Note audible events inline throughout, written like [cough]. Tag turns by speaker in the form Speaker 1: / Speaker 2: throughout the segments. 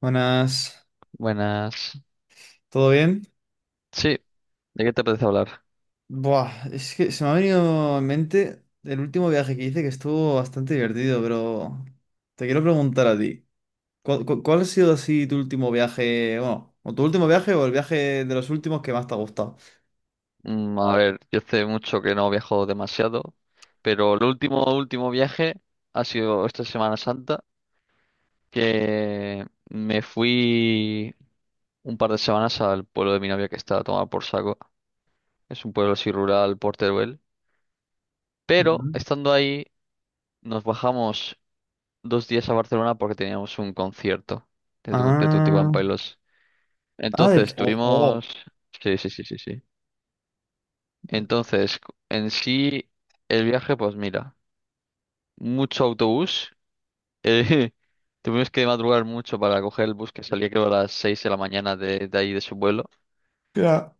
Speaker 1: Buenas,
Speaker 2: Buenas.
Speaker 1: ¿todo bien?
Speaker 2: Sí, ¿de qué te apetece hablar?
Speaker 1: Buah, es que se me ha venido en mente el último viaje que hice que estuvo bastante divertido, pero te quiero preguntar a ti, ¿cuál ha sido así tu último viaje, bueno, o tu último viaje o el viaje de los últimos que más te ha gustado?
Speaker 2: A ver, yo hace mucho que no viajo demasiado, pero el último viaje ha sido esta Semana Santa, que me fui un par de semanas al pueblo de mi novia que está a tomar por saco. Es un pueblo así rural, por Teruel. Pero
Speaker 1: Ujú.
Speaker 2: estando ahí, nos bajamos dos días a Barcelona porque teníamos un concierto de Tutti.
Speaker 1: Ah,
Speaker 2: Entonces
Speaker 1: ojo.
Speaker 2: tuvimos... Sí, sí, sí, sí, sí. Entonces, en sí, el viaje, pues mira, mucho autobús. eh, [laughs] Tuvimos que madrugar mucho para coger el bus que salía, creo, a las 6 de la mañana de ahí de su vuelo.
Speaker 1: Ya.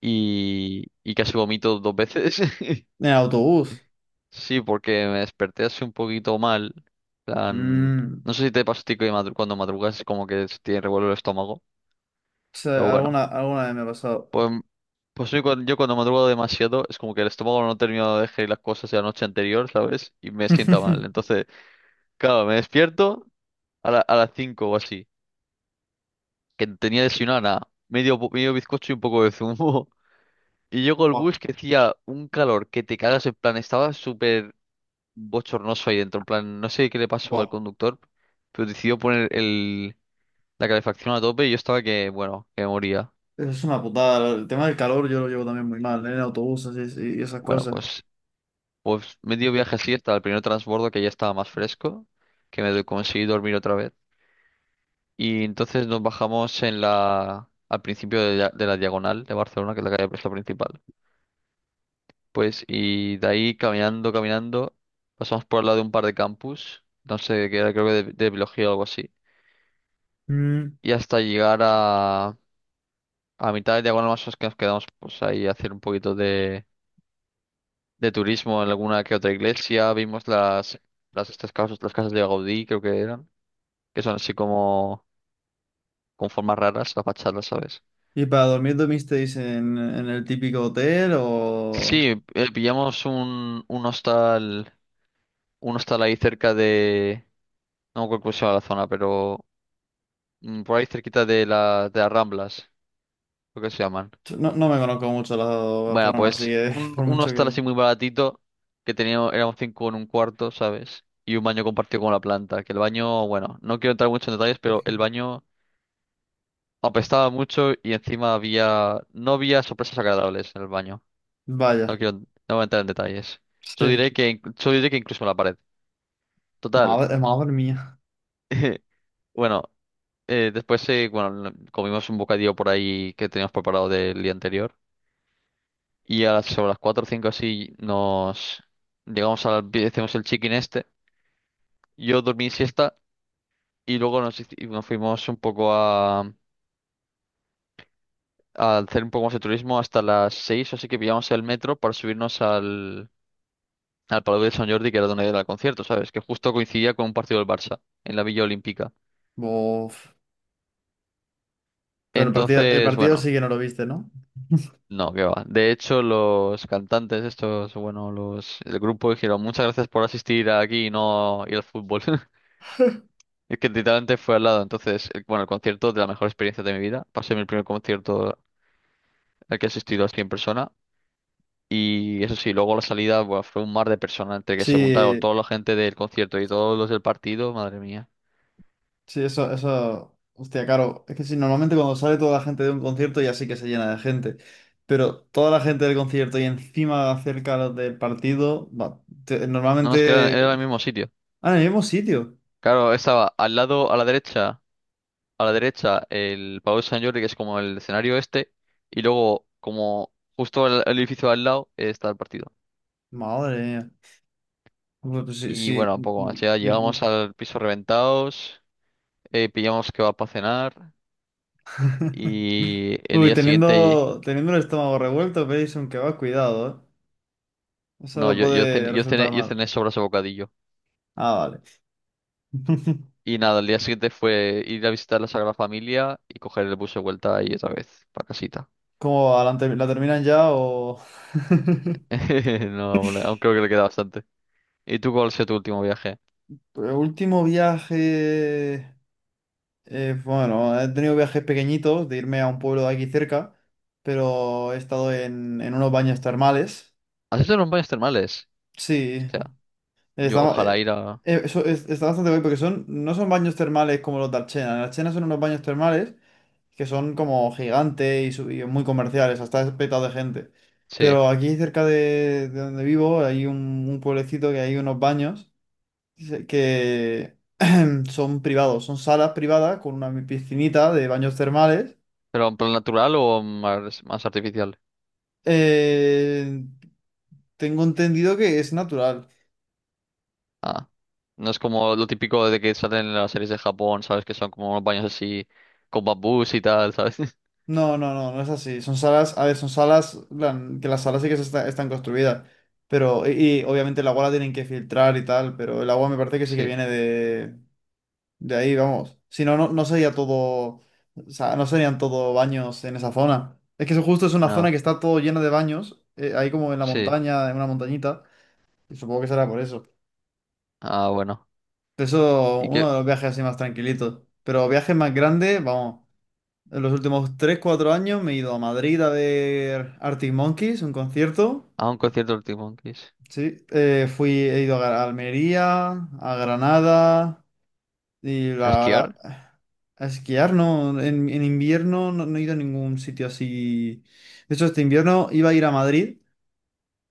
Speaker 2: Y casi vomito dos veces. [laughs]
Speaker 1: En autobús.
Speaker 2: Sí, porque me desperté así un poquito mal. plan,
Speaker 1: Mm, o
Speaker 2: no sé si te pasa a ti que cuando madrugas como que se tiene revuelo el estómago. Pero
Speaker 1: sea,
Speaker 2: bueno,
Speaker 1: alguna vez me ha pasado.
Speaker 2: pues, pues yo cuando madrugo demasiado es como que el estómago no termina de digerir las cosas de la noche anterior, ¿sabes? Y me sienta mal.
Speaker 1: [laughs]
Speaker 2: Entonces... Claro, me despierto a las 5 o así. Que tenía desayunado nada. Medio bizcocho y un poco de zumo. [laughs] Y llego al
Speaker 1: Buah,
Speaker 2: bus que hacía un calor que te cagas. En plan, estaba súper bochornoso ahí dentro. En plan, no sé qué le pasó al
Speaker 1: buah,
Speaker 2: conductor. Pero decidió poner la calefacción a tope y yo estaba que, bueno, que me moría.
Speaker 1: eso es una putada, el tema del calor yo lo llevo también muy mal, ¿eh?, en autobuses así, y esas
Speaker 2: Bueno,
Speaker 1: cosas.
Speaker 2: pues medio viaje así hasta el primer transbordo que ya estaba más fresco. Que conseguí dormir otra vez. Y entonces nos bajamos al principio de la Diagonal de Barcelona, que es la calle, es la principal. Pues, y de ahí caminando, caminando, pasamos por al lado de un par de campus, no sé, que era creo que de biología o algo así.
Speaker 1: Mm.
Speaker 2: Y hasta llegar a mitad de Diagonal más o menos que nos quedamos pues ahí a hacer un poquito de turismo en alguna que otra iglesia. Vimos las estas casas, las casas de Gaudí, creo que eran, que son así como con formas raras, las fachadas, ¿sabes?
Speaker 1: ¿Y para dormir dormisteis en el típico hotel o...?
Speaker 2: Sí, pillamos un hostal ahí cerca de, no me acuerdo cómo se llama la zona, pero por ahí cerquita de las Ramblas, lo que se llaman.
Speaker 1: Yo no, no me conozco mucho la de
Speaker 2: Bueno,
Speaker 1: Barcelona, así
Speaker 2: pues
Speaker 1: que [laughs]
Speaker 2: un,
Speaker 1: por
Speaker 2: un
Speaker 1: mucho
Speaker 2: hostal
Speaker 1: que...
Speaker 2: así muy baratito, que teníamos, éramos cinco en un cuarto, ¿sabes? Y un baño compartido con la planta, que el baño, bueno, no quiero entrar mucho en detalles, pero el baño apestaba mucho y encima había, no había sorpresas agradables en el baño. No
Speaker 1: Vaya,
Speaker 2: quiero, no voy a entrar en detalles. Yo
Speaker 1: sí,
Speaker 2: diré que incluso en la pared. Total.
Speaker 1: madre mía.
Speaker 2: [laughs] Bueno, después bueno, comimos un bocadillo por ahí que teníamos preparado del día anterior. Y sobre las 4 o 5 así nos llegamos al... Hicimos el chicken este. Yo dormí siesta y luego nos fuimos un poco a hacer un poco más de turismo hasta las seis, así que pillamos el metro para subirnos al Palau de San Jordi, que era donde era el concierto, ¿sabes? Que justo coincidía con un partido del Barça en la Villa Olímpica.
Speaker 1: Uf. Pero el
Speaker 2: Entonces,
Speaker 1: partido sí
Speaker 2: bueno.
Speaker 1: que no lo viste, ¿no?
Speaker 2: No, que va. De hecho, los cantantes estos, bueno, los el grupo dijeron muchas gracias por asistir aquí y no ir al fútbol. [laughs] Es que literalmente fue al lado. Entonces, bueno, el concierto, de la mejor experiencia de mi vida. Pasé mi primer concierto al que he asistido así en persona. Y eso sí, luego la salida, buah, fue un mar de personas entre que se juntaron
Speaker 1: Sí,
Speaker 2: toda la gente del concierto y todos los del partido. Madre mía.
Speaker 1: sí, eso... Hostia, claro, es que sí, normalmente cuando sale toda la gente de un concierto ya sí que se llena de gente. Pero toda la gente del concierto y encima cerca los del partido, va,
Speaker 2: No, nos, es que era el
Speaker 1: normalmente...
Speaker 2: mismo sitio.
Speaker 1: Ah, en el mismo sitio.
Speaker 2: Claro, estaba al lado, a la derecha. A la derecha el Palau de Sant Jordi, que es como el escenario este, y luego como justo el edificio al lado, está el partido.
Speaker 1: Madre mía. Uy, pues sí,
Speaker 2: Y
Speaker 1: sí.
Speaker 2: bueno, un poco más, ya llegamos al piso reventados, pillamos, que va, para cenar.
Speaker 1: [laughs]
Speaker 2: Y el
Speaker 1: Uy,
Speaker 2: día siguiente,
Speaker 1: teniendo el estómago revuelto, pedís un kebab, cuidado, ¿eh? Eso
Speaker 2: no,
Speaker 1: lo
Speaker 2: yo, yo
Speaker 1: puede
Speaker 2: cené, yo cené,
Speaker 1: resultar
Speaker 2: yo
Speaker 1: mal.
Speaker 2: cené sobras de bocadillo.
Speaker 1: Ah, vale. [laughs]
Speaker 2: Y nada, el día siguiente fue ir a visitar la Sagrada Familia y coger el bus de vuelta ahí otra vez, para casita.
Speaker 1: ¿Cómo va? ¿ la terminan ya o...? [laughs]
Speaker 2: [laughs] No, aún creo que le queda bastante. ¿Y tú cuál ha sido tu último viaje?
Speaker 1: Pues, último viaje... bueno, he tenido viajes pequeñitos de irme a un pueblo de aquí cerca, pero he estado en unos baños termales.
Speaker 2: ¿Has hecho los baños termales?
Speaker 1: Sí.
Speaker 2: Yo
Speaker 1: Está,
Speaker 2: ojalá
Speaker 1: eh,
Speaker 2: ir a...
Speaker 1: eso está bastante guay porque son, no son baños termales como los de Archena. En Archena son unos baños termales que son como gigantes y, y muy comerciales, hasta es petado de gente.
Speaker 2: Sí.
Speaker 1: Pero aquí cerca de donde vivo hay un pueblecito que hay unos baños que [clears throat] son privados, son salas privadas con una piscinita de baños termales.
Speaker 2: ¿Pero en plan natural o más artificial?
Speaker 1: Eh, tengo entendido que es natural.
Speaker 2: Ah. No es como lo típico de que salen en las series de Japón, ¿sabes? Que son como unos baños así con bambús y tal, ¿sabes? [laughs]
Speaker 1: No, no, no, no es así. Son salas, a ver, son salas, que las salas sí que están construidas, pero, y obviamente el agua la tienen que filtrar y tal, pero el agua me parece que sí que
Speaker 2: Sí.
Speaker 1: viene de ahí, vamos. Si no, no, no sería todo, o sea, no serían todo baños en esa zona. Es que eso justo es una zona
Speaker 2: No.
Speaker 1: que está todo llena de baños, ahí como en la
Speaker 2: Sí.
Speaker 1: montaña, en una montañita, y supongo que será por eso.
Speaker 2: Ah, bueno.
Speaker 1: Eso,
Speaker 2: ¿Y
Speaker 1: uno de
Speaker 2: qué?
Speaker 1: los viajes así más tranquilitos, pero viajes más grandes, vamos. En los últimos tres cuatro años me he ido a Madrid a ver Arctic Monkeys, un concierto.
Speaker 2: A un concierto del Monkeys.
Speaker 1: Sí, he ido a a Almería, a Granada y
Speaker 2: ¿A esquiar?
Speaker 1: a esquiar, ¿no? En invierno no, no he ido a ningún sitio así. De hecho, este invierno iba a ir a Madrid,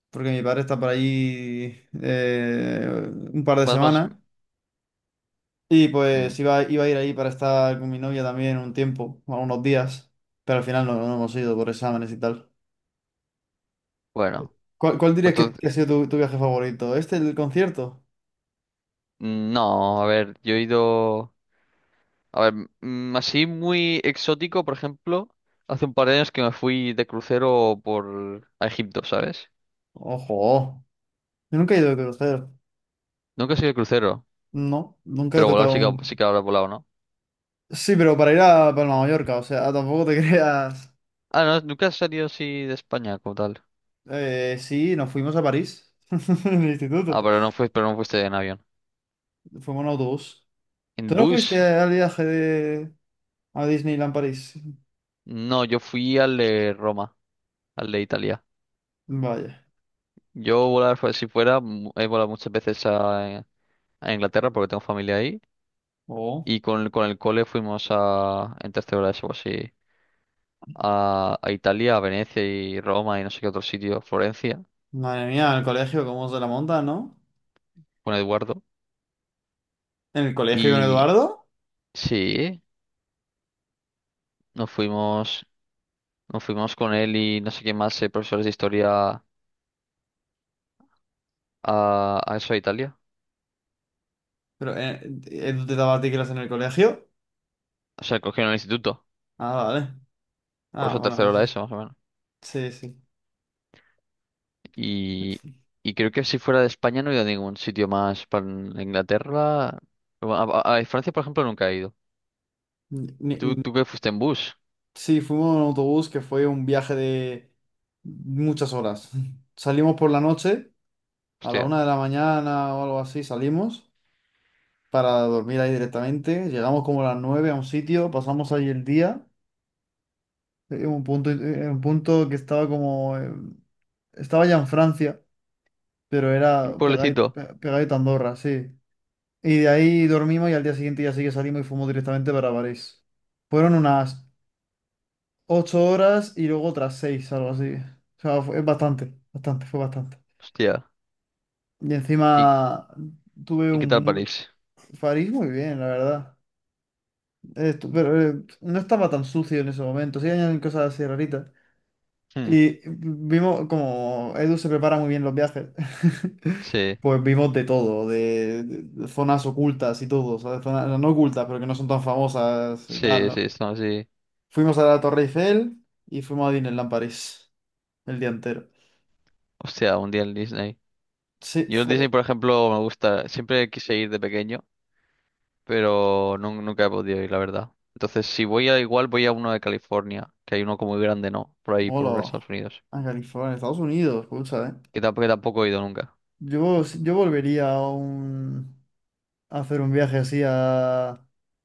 Speaker 1: porque mi padre está por allí un par de
Speaker 2: Vas más...
Speaker 1: semanas. Y pues
Speaker 2: Mm,
Speaker 1: iba, iba a ir ahí para estar con mi novia también un tiempo, algunos días, pero al final no, no hemos ido por exámenes y tal.
Speaker 2: bueno.
Speaker 1: ¿Cuál, cuál dirías
Speaker 2: Entonces...
Speaker 1: que ha sido tu, tu viaje favorito? ¿Este, el concierto?
Speaker 2: Mm, no, a ver, yo he ido... A ver, así muy exótico, por ejemplo, hace un par de años que me fui de crucero por a Egipto, ¿sabes?
Speaker 1: Ojo, yo nunca he ido a conocer.
Speaker 2: Nunca he sido de crucero,
Speaker 1: No, nunca he
Speaker 2: pero volar
Speaker 1: tocado
Speaker 2: sí que, sí
Speaker 1: un...
Speaker 2: que habrá volado, ¿no?
Speaker 1: Sí, pero para ir a Palma de Mallorca, o sea, tampoco te [laughs] creas...
Speaker 2: Ah, no, nunca has salido así de España como tal.
Speaker 1: Sí, nos fuimos a París, [laughs] en el
Speaker 2: Ah,
Speaker 1: instituto.
Speaker 2: pero no fuiste en avión.
Speaker 1: Fuimos en autobús. ¿Tú
Speaker 2: ¿En
Speaker 1: no fuiste
Speaker 2: bus?
Speaker 1: al viaje de... a Disneyland París?
Speaker 2: No, yo fui al de Roma, al de Italia.
Speaker 1: Vaya.
Speaker 2: Yo volar, fue- si fuera, mu- he volado muchas veces a Inglaterra porque tengo familia ahí.
Speaker 1: Oh.
Speaker 2: Y con el cole fuimos en tercera de eso, así, a Italia, a Venecia y Roma y no sé qué otro sitio, Florencia,
Speaker 1: Madre mía, en el colegio, ¿cómo se la monta, no?
Speaker 2: con Eduardo.
Speaker 1: ¿En el colegio con
Speaker 2: Y
Speaker 1: Eduardo?
Speaker 2: sí, nos fuimos. Nos fuimos con él y no sé quién más, profesores de historia, a eso, a Italia.
Speaker 1: ¿Pero Edu te daba clases en el colegio?
Speaker 2: O sea, cogieron el instituto.
Speaker 1: Ah, vale.
Speaker 2: Por
Speaker 1: Ah,
Speaker 2: eso
Speaker 1: bueno,
Speaker 2: tercero
Speaker 1: es...
Speaker 2: era eso, más o menos.
Speaker 1: Sí, sí.
Speaker 2: Y, y creo que si fuera de España no he ido a ningún sitio más. Para Inglaterra. Bueno, a Francia, por ejemplo, nunca he ido.
Speaker 1: Ni- ni-
Speaker 2: ¿Y tú que fuiste en bus?
Speaker 1: Sí, fuimos en autobús que fue un viaje de muchas horas. [laughs] Salimos por la noche, a la
Speaker 2: Hostia.
Speaker 1: una de la mañana o algo así, salimos para dormir ahí directamente. Llegamos como a las nueve a un sitio, pasamos ahí el día, en un punto que estaba como... estaba ya en Francia, pero
Speaker 2: ¿Un
Speaker 1: era pegadito,
Speaker 2: pueblecito?
Speaker 1: pegadito a Andorra, sí. Y de ahí dormimos y al día siguiente ya sí que salimos y fuimos directamente para París. Fueron unas ocho horas y luego otras seis, algo así. O sea, es bastante, bastante, fue bastante.
Speaker 2: Hostia.
Speaker 1: Y
Speaker 2: ¿Y,
Speaker 1: encima tuve
Speaker 2: y qué
Speaker 1: un
Speaker 2: tal
Speaker 1: muy...
Speaker 2: París?
Speaker 1: París muy bien, la verdad. Pero no estaba tan sucio en ese momento. Sí, añaden cosas así raritas.
Speaker 2: Hmm,
Speaker 1: Y vimos como Edu se prepara muy bien los viajes. [laughs]
Speaker 2: sí,
Speaker 1: Pues vimos de todo, de, de zonas ocultas y todo, ¿sabes? Zonas no no ocultas, pero que no son tan famosas y tal,
Speaker 2: sí,
Speaker 1: ¿no?
Speaker 2: sí, estamos así.
Speaker 1: Fuimos a la Torre Eiffel y fuimos a Disneyland París el día entero.
Speaker 2: Hostia, un día en Disney.
Speaker 1: Sí,
Speaker 2: Yo en Disney,
Speaker 1: fue.
Speaker 2: por ejemplo, me gusta. Siempre quise ir de pequeño, pero nunca he podido ir, la verdad. Entonces, si voy, a igual voy a uno de California, que hay uno como muy grande, ¿no? Por ahí, por Estados
Speaker 1: Hola,
Speaker 2: Unidos.
Speaker 1: a California, Estados Unidos, escucha, ¿eh?
Speaker 2: Que tampoco he ido nunca.
Speaker 1: Yo, si, yo volvería a, un, a hacer un viaje así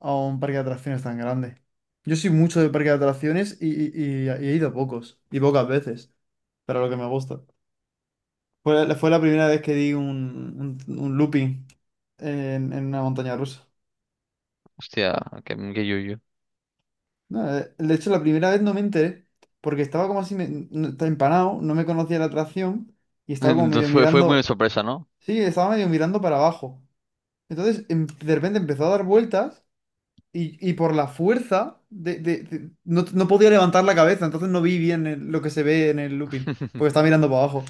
Speaker 1: a un parque de atracciones tan grande. Yo soy mucho de parque de atracciones y, y he ido a pocos, y pocas veces, pero lo que me gusta. Fue, fue la primera vez que di un looping en una montaña rusa.
Speaker 2: Hostia, que yuyu.
Speaker 1: No, de hecho, la primera vez no me enteré, porque estaba como así, estaba empanado, no me conocía la atracción, y
Speaker 2: [laughs]
Speaker 1: estaba como medio
Speaker 2: Entonces fue muy de
Speaker 1: mirando.
Speaker 2: sorpresa, ¿no?
Speaker 1: Sí, estaba medio mirando para abajo. Entonces, de repente empezó a dar vueltas y por la fuerza de, no, no podía levantar la cabeza, entonces no vi bien lo que se ve en el looping, porque
Speaker 2: [laughs]
Speaker 1: estaba mirando para abajo.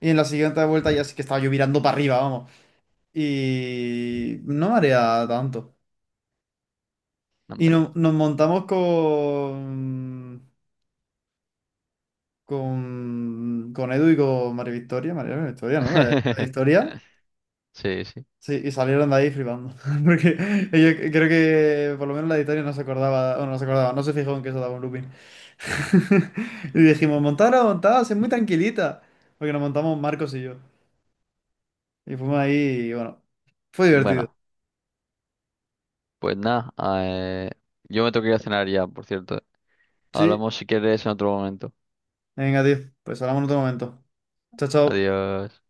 Speaker 1: Y en la siguiente vuelta ya sí que estaba yo mirando para arriba, vamos. Y no marea tanto.
Speaker 2: No,
Speaker 1: Y
Speaker 2: hombre.
Speaker 1: nos montamos con Edu y con María Victoria, María Victoria, ¿no? La de
Speaker 2: [laughs]
Speaker 1: historia.
Speaker 2: Sí, sí.
Speaker 1: Sí, y salieron de ahí flipando. [laughs] Porque yo creo que por lo menos la editorial no se acordaba, bueno, no se acordaba, no se fijó en que eso daba un looping. [laughs] Y dijimos, montada, montada, es muy tranquilita. Porque nos montamos Marcos y yo. Y fuimos ahí y bueno, fue divertido.
Speaker 2: Bueno, pues nada. eh, yo me tengo que ir a cenar ya, por cierto.
Speaker 1: Sí,
Speaker 2: Hablamos si quieres en otro momento.
Speaker 1: venga, tío, pues hablamos en otro momento. Chao, chao.
Speaker 2: Adiós.